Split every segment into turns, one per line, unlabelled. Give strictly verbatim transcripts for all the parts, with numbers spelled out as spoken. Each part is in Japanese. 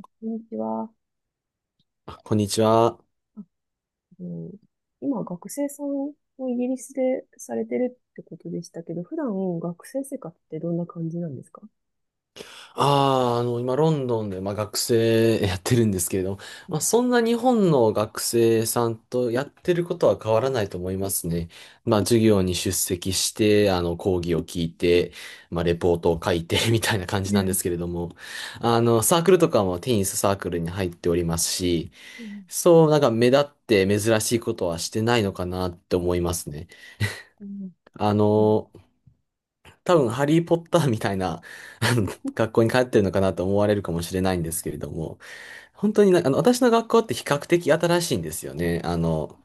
こんにちは。
あこんにちは。
あの今、学生さんをイギリスでされてるってことでしたけど、普段学生生活ってどんな感じなんですか？
ああ、あの、今、ロンドンで、まあ、学生やってるんですけれども、
う
まあ、
ん。
そんな日本の学生さんとやってることは変わらないと思いますね。まあ、授業に出席して、あの、講義を聞いて、まあ、レポートを書いて みたいな感じ
う
なんで
ん。
すけれども、あの、サークルとかもテニスサークルに入っておりますし、
うん。
そう、なんか目立って珍しいことはしてないのかなって思いますね。
うん
あ
うん
の、多分、ハリー・ポッターみたいな、あの、学校に通ってるのかなと思われるかもしれないんですけれども、本当になあの、私の学校って比較的新しいんですよね。あの、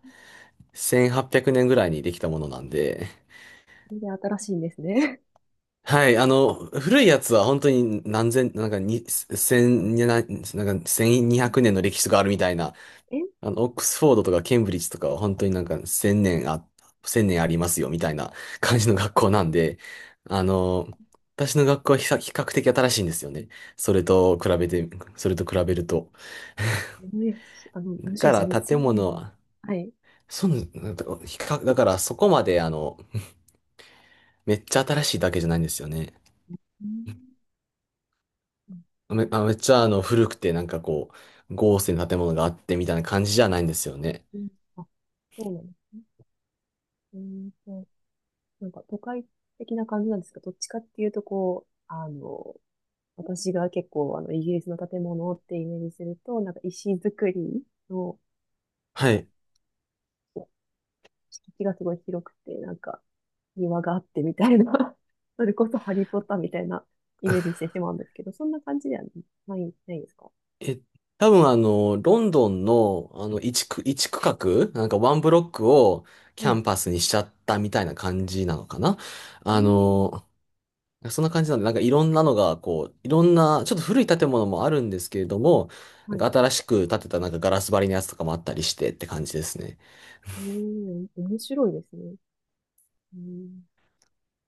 せんはっぴゃくねんぐらいにできたものなんで、
全然新しいんですね。
はい、あの、古いやつは本当に何千、なんかに、千、ななんかせんにひゃくねんの歴史があるみたいな。
え、
あの、オックスフォードとかケンブリッジとかは本当になんか千年あ、千年ありますよみたいな 感じの学校なんで、あの、私の学校は比較比較的新しいんですよね。それと比べて、それと比べると。
ね、あの、
だ
むしろ
か
そ
ら
の
建
せんねんも。
物、
はい。
そう、なんだ比較、だからそこまであの、めっちゃ新しいだけじゃないんですよね。
うん。うん
め、あ、めっちゃあの、古くてなんかこう、豪勢な建物があってみたいな感じじゃないんですよね。
うんあ、そうなんですね。うーんと、なんか都会的な感じなんですか？どっちかっていうと、こう、あの、私が結構、あの、イギリスの建物ってイメージすると、なんか石造りの、なん
は
か、
い。
敷地がすごい広くて、なんか、庭があってみたいな、それこそハリーポッターみたいなイメージしてしまうんですけど、そんな感じではない、ないですか？
え、多分あの、ロンドンの、あの、一区、一区画、なんかワンブロックをキ
はい。
ャ
う
ンパスにしちゃったみたいな感じなのかな？
ー
あ
ん、
の、そんな感じなんで、なんかいろんなのが、こう、いろんな、ちょっと古い建物もあるんですけれども、な
は
んか
い。
新しく建てたなんかガラス張りのやつとかもあったりしてって感じですね。
うーん、面白いですね。うーん、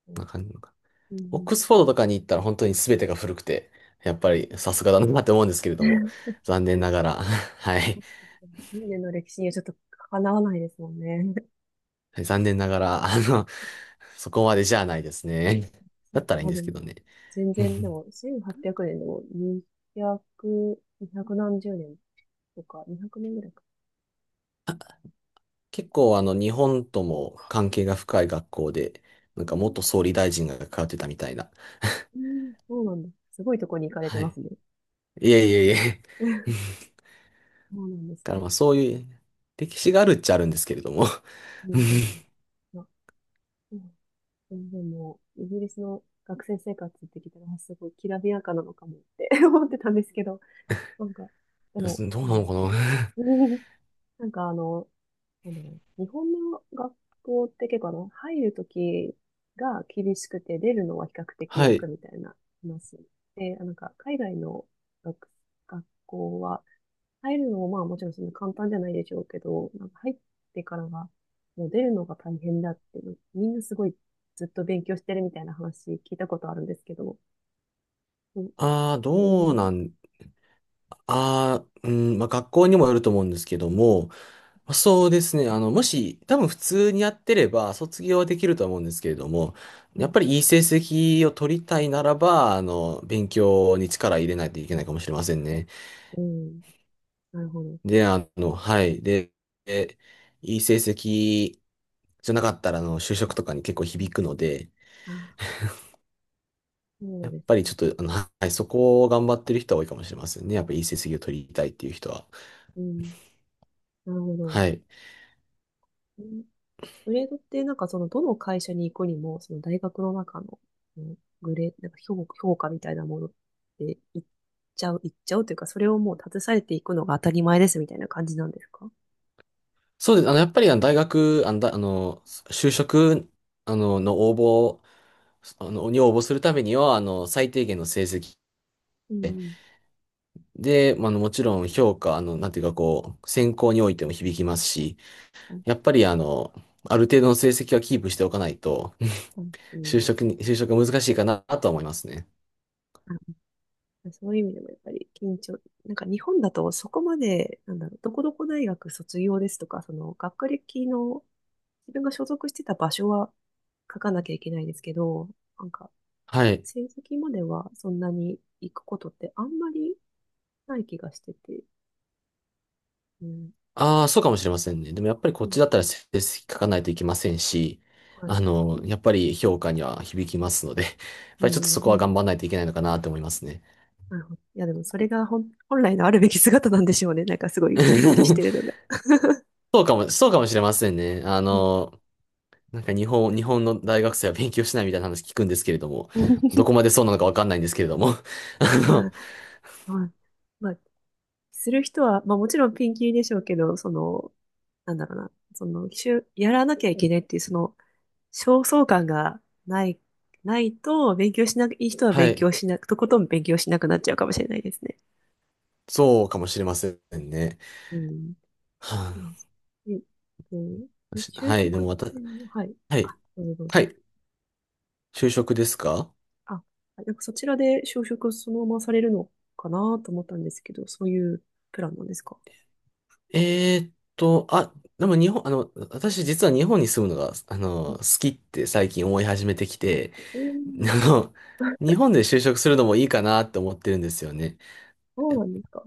う
な
ん、
んな感じのか、
う
オッ
ん
クスフォードとかに行ったら本当に全てが古くて、やっぱ
はい。
りさすがだなって思うんですけれども、残念ながら、はい。
千年の歴史にはちょっとかなわないですもんね。
はい、残念ながら、あの、そこまでじゃないですね。
い
だったらいいん
や、
で
で
す
も、
けどね。
全
う
然、で
ん、
も、せんはっぴゃくねんでも、にひゃく、に何十年とか、にひゃくねんぐらいか。
結構あの、日本とも関係が深い学校で、なん
う
か
ん、
元総理大臣が通ってたみたいな。
うんそうなんです。すごいとこに行かれて
は
ま
い。
すね。
いえいえいえ。うん、
そうなんです
だから
ね。
まあそういう、歴史があるっちゃあるんですけれども。
うん う
うん、い
んうん。まあ、うん全然もう、イギリスの学生生活って聞いたら、あすごいきらびやかなのかもって 思ってたんですけど、なんか、で
や、
も、
ど
そ
う
う
なのかな？
ね。 なんかあの、あの、日本の学校って結構あの、入るときが厳しくて、出るのは比較的
は
楽
い。
みたいな話。で、あなんか、海外の学、学校は、入るのもまあもちろんそんな簡単じゃないでしょうけど、なんか入ってからは、もう出るのが大変だって、みんなすごいずっと勉強してるみたいな話聞いたことあるんですけど、うん、
ああ、
その、
どうなん、ああ、うん、まあ学校にもよると思うんですけども、そうですね。あの、もし、多分普通にやってれば、卒業はできるとは思うんですけれども、
は
やっ
い、
ぱりいい成績を取りたいならば、あの、勉強に力入れないといけないかもしれませんね。
うん、なるほど。
で、あの、はい。で、でいい成績じゃなかったら、あの、就職とかに結構響くので、
あ、そう
やっ
です
ぱり
ね。
ちょっと、あの、はい、そこを頑張ってる人は多いかもしれませんね。やっぱりいい成績を取りたいっていう人は。
うん、なるほど。
はい。
グレードってなんかそのどの会社に行くにも、その大学の中の、うんグレー、なんか評、評価みたいなものって行っちゃう、行っちゃうというか、それをもう携えていくのが当たり前ですみたいな感じなんですか？
そうです。あの、やっぱりあの大学、あの、だあの就職、あの、の応募あの、に応募するためには、あの、最低限の成績
うんうん。
で、まあ、あの、もちろん評価、あの、なんていうかこう、選考においても響きますし、
はい
やっぱりあの、ある程度の成績はキープしておかないと、
はいう
就
ん。
職に、就職が難しいかなとは思いますね。
あ、そういう意味でもやっぱり緊張、なんか日本だとそこまで、なんだろう、どこどこ大学卒業ですとか、その学歴の自分が所属してた場所は書かなきゃいけないですけど、なんか
はい。
成績まではそんなに行くことってあんまりない気がしてて。うん。
ああ、そうかもしれませんね。でもやっぱり
う
こっち
ん。
だったら成績書かないといけませんし、
は
あ
い。
の、やっぱり評価には響きますので、やっ
う
ぱりちょっとそこは
ん。
頑張らないといけないのかなと思いますね。
なるほど。いや、でもそれが本、本来のあるべき姿なんでしょうね。なんかすごいきっちりして るのが。
そうかも、そうかもしれませんね。あ
うん。
の、なんか日本、日本の大学生は勉強しないみたいな話聞くんですけれども、ど こまでそうなのかわかんないんですけれども。あ
ま
の、
あ、まあ、まあ、する人は、まあもちろんピンキリでしょうけど、その、なんだろうな、その、しゅ、やらなきゃいけないっていう、その、焦燥感がない、ないと、勉強しなく、いい人は
は
勉
い。
強しなく、とことん勉強しなくなっちゃうかもしれないですね。
そうかもしれませんね。
うん。
は
うんえっと、
あ、
え、
し
就
はい。で
職っ
も私、
て、はい。
はい。
あ、どうぞどう
は
ぞ。
い。就職ですか？
あ、は、なんかそちらで就職をそのままされるのかなと思ったんですけど、そういうプランなんですか？
えーっと、あ、でも日本、あの、私実は日本に住むのが、あ
う
の、
ん、
好きって最近思い始めてきて、
うん
あの、日本で就職するのもいいかなって思ってるんですよね。
そうなんですか？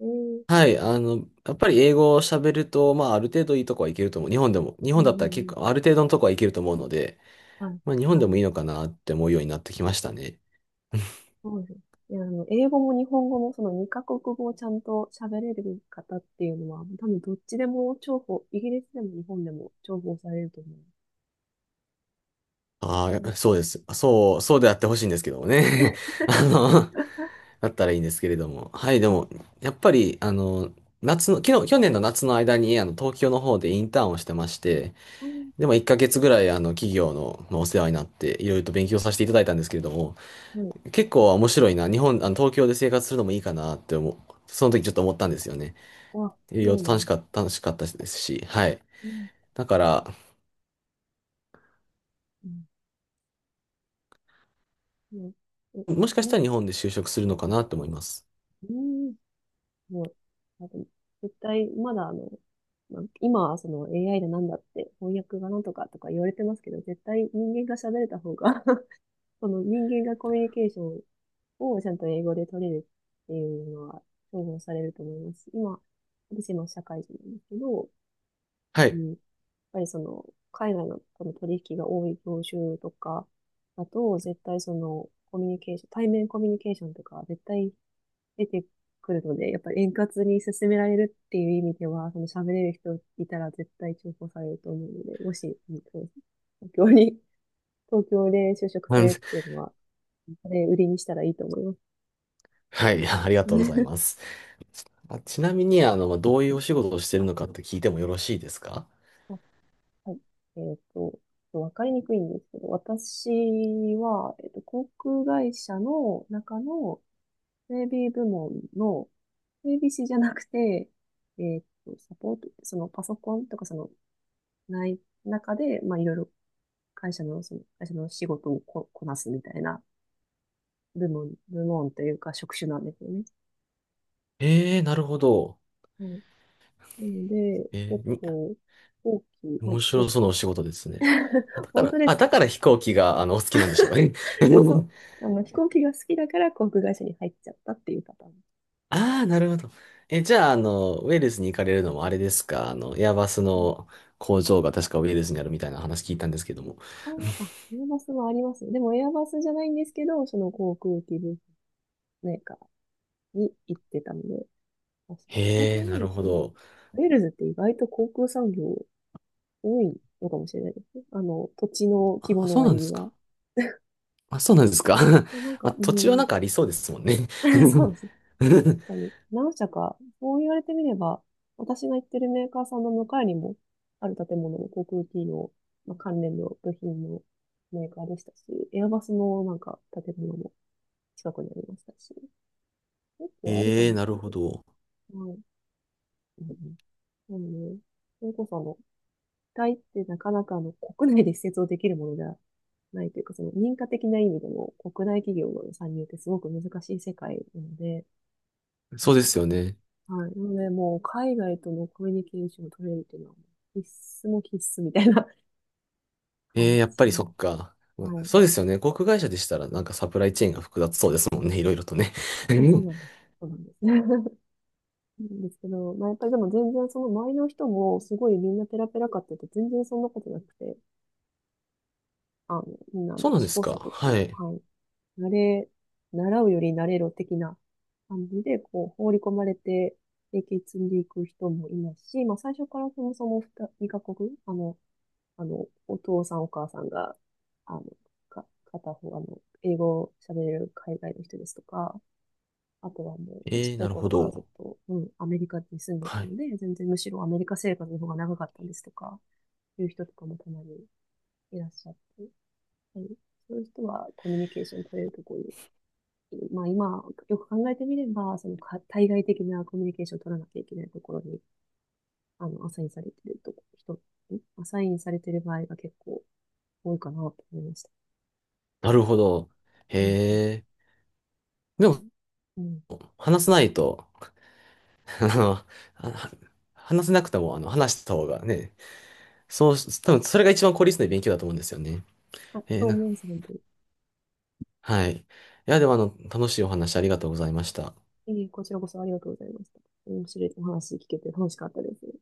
えー、
はい、あの、やっぱり英語を喋ると、まあ、ある程度いいとこはいけると思う。日本でも、日
う
本
ん
だったら
う
結
ん
構、ある程度のとこはいけると思うので、
うん。はい。
まあ、日本でもいい
あ、
のかなって思うようになってきましたね。
そうですね。いや、あの、英語も日本語もそのにカ国語をちゃんと喋れる方っていうのは、多分どっちでも重宝、イギリスでも日本でも重宝されると思
あ
う。う
あ、
ん。
そうです。そう、そうであってほしいんですけどもね。あの、だったらいいんですけれども。はい、で
あ、
も、やっぱり、あの、夏の、昨日、去年の夏の間に、あの、東京の方でインターンをしてまして、
そうです
で
ね
もいっかげつぐらい、あの、企業の、まあお世話になって、いろいろと勉強させていただいたんですけれども、
はい。
結構面白いな。日本、あの、東京で生活するのもいいかなって思う。その時ちょっと思ったんですよね。
あ、
いろいろ
そう
と
なん
楽し
です
か
か。
った、楽しかったですし、はい。だから、
うん。うんえ、
もしかし
う
た
ん
ら日本で就職するのかなと思います。
うんもう、あと、絶対、まだあの、まあ、今はその エーアイ でなんだって、翻訳がなんとかとか言われてますけど、絶対人間が喋れた方が その人間がコミュニケーションをちゃんと英語で取れるっていうのは重宝されると思いますし。今、私今社会人なんですけど、
は
う
い。
ん、やっぱりその、海外のこの取引が多い業種とかだと、絶対その、コミュニケーション、対面コミュニケーションとか、絶対出てくるので、やっぱり円滑に進められるっていう意味では、その喋れる人いたら絶対重宝されると思うので、もし、うんそう、東京に、東京で就職
あ
さ
の
れるっていうのは、それ売りにしたらいいと思います。
はい、ありがとうござい ます。あ、ちなみに、あの、まあどういうお仕事をしてるのかって聞いてもよろしいですか？
あはい。えっと、わかりにくいんですけど、私は、えっと、航空会社の中の整備部門の整備士じゃなくて、えっと、サポート、そのパソコンとかその、ない中で、まあ、いろいろ会社の、その、会社の仕事をこ、こなすみたいな部門、部門というか職種なんですよね。
ええー、なるほど。
はい。なので、
え
結
ー、に
構、大きい、まあ、
面白
旅、
そうなお仕事ですね。あだ か
本
ら、
当で
あ、
す
だ
か？
から飛行機が、あの、お好きなんでしょうかね。
え、そう、あの、飛行機が好きだから航空会社に入っちゃったっていうパターン。
ああ、なるほど。え、じゃあ、あの、ウェールズに行かれるのもあれですか？あの、エアバス
うん
の工場が確かウェールズにあるみたいな話聞いたんですけども。
あー、あ、エアバスもありますね。でもエアバスじゃないんですけど、その航空機部メーカーに行ってたので、あ、そ、こう
へ
考
え、な
える
るほ
と、
ど。
ウェールズって意外と航空産業多いのかもしれないですね。あの、土地の規模
あ、
の
そうな
割
んで
に
すか。
は。
あ、そうなんですか。
なん
まあ、
か、う
土地は
ん、
なんかありそうですもんね。
そうです ね。確かに、何社か、そう言われてみれば、私が行ってるメーカーさんの向かいにも、ある建物の航空機の、まあ、関連の部品のメーカーでしたし、エアバスのなんか建物も近くにありましたし、結構あるか
ええ、
も
な
し
る
れな
ほ
いで
ど。
す。はい。うんうんなので、それこそあの、機体ってなかなかあの、国内で施設をできるものではないというか、その認可的な意味でも国内企業の参入ってすごく難しい世界なので、
そうですよね。
はい。なので、もう海外とのコミュニケーションを取れるっていうのは、必須も必須みたいな
ええ、
感
やっぱりそ
じ。
っか。
はい。
そうですよね。航空会社でしたらなんかサプライチェーンが複雑そうですもんね。いろいろとね。
そうそうな んです。そうなんです。なんですけど、まあ、やっぱりでも全然その周りの人もすごいみんなペラペラかって言うと全然そんなことなくて、あの、みんなあの
そうなん
試
で
行
すか。
錯誤、
はい。
はい。慣れ、習うより慣れろ的な感じで、こう、放り込まれて、経験積んでいく人もいますし、まあ、最初からそもそもに、にカ国、あの、あの、お父さんお母さんが、あの、か、片方、あの、英語を喋れる海外の人ですとか、あとはもう、ちっ
え
ち
え、
ゃい
なるほ
頃からずっ
ど。
と、うん、アメリカに住んでた
はい、
ので、全然むしろアメリカ生活の方が長かったんですとか、いう人とかもたまにいらっしゃって、はい、そういう人はコミュニケーション取れるところに、まあ今、よく考えてみれば、そのか対外的なコミュニケーションを取らなきゃいけないところに、あの、アサインされてるとこ、人、んアサインされてる場合が結構多いかなと思いました。
なるほど。へ
うんうん
え。で
う
も、
んうん
話さないと、あの、あ話せなくても、あの、話した方がね、そうし、多分それが一番効率のいい勉強だと思うんですよね。
あ、
え
そ
ー
う
な、
思います、本当に。
はい。いや、でも、あの、楽しいお話ありがとうございました。
ええ、こちらこそありがとうございました。面白いお話聞けて楽しかったです。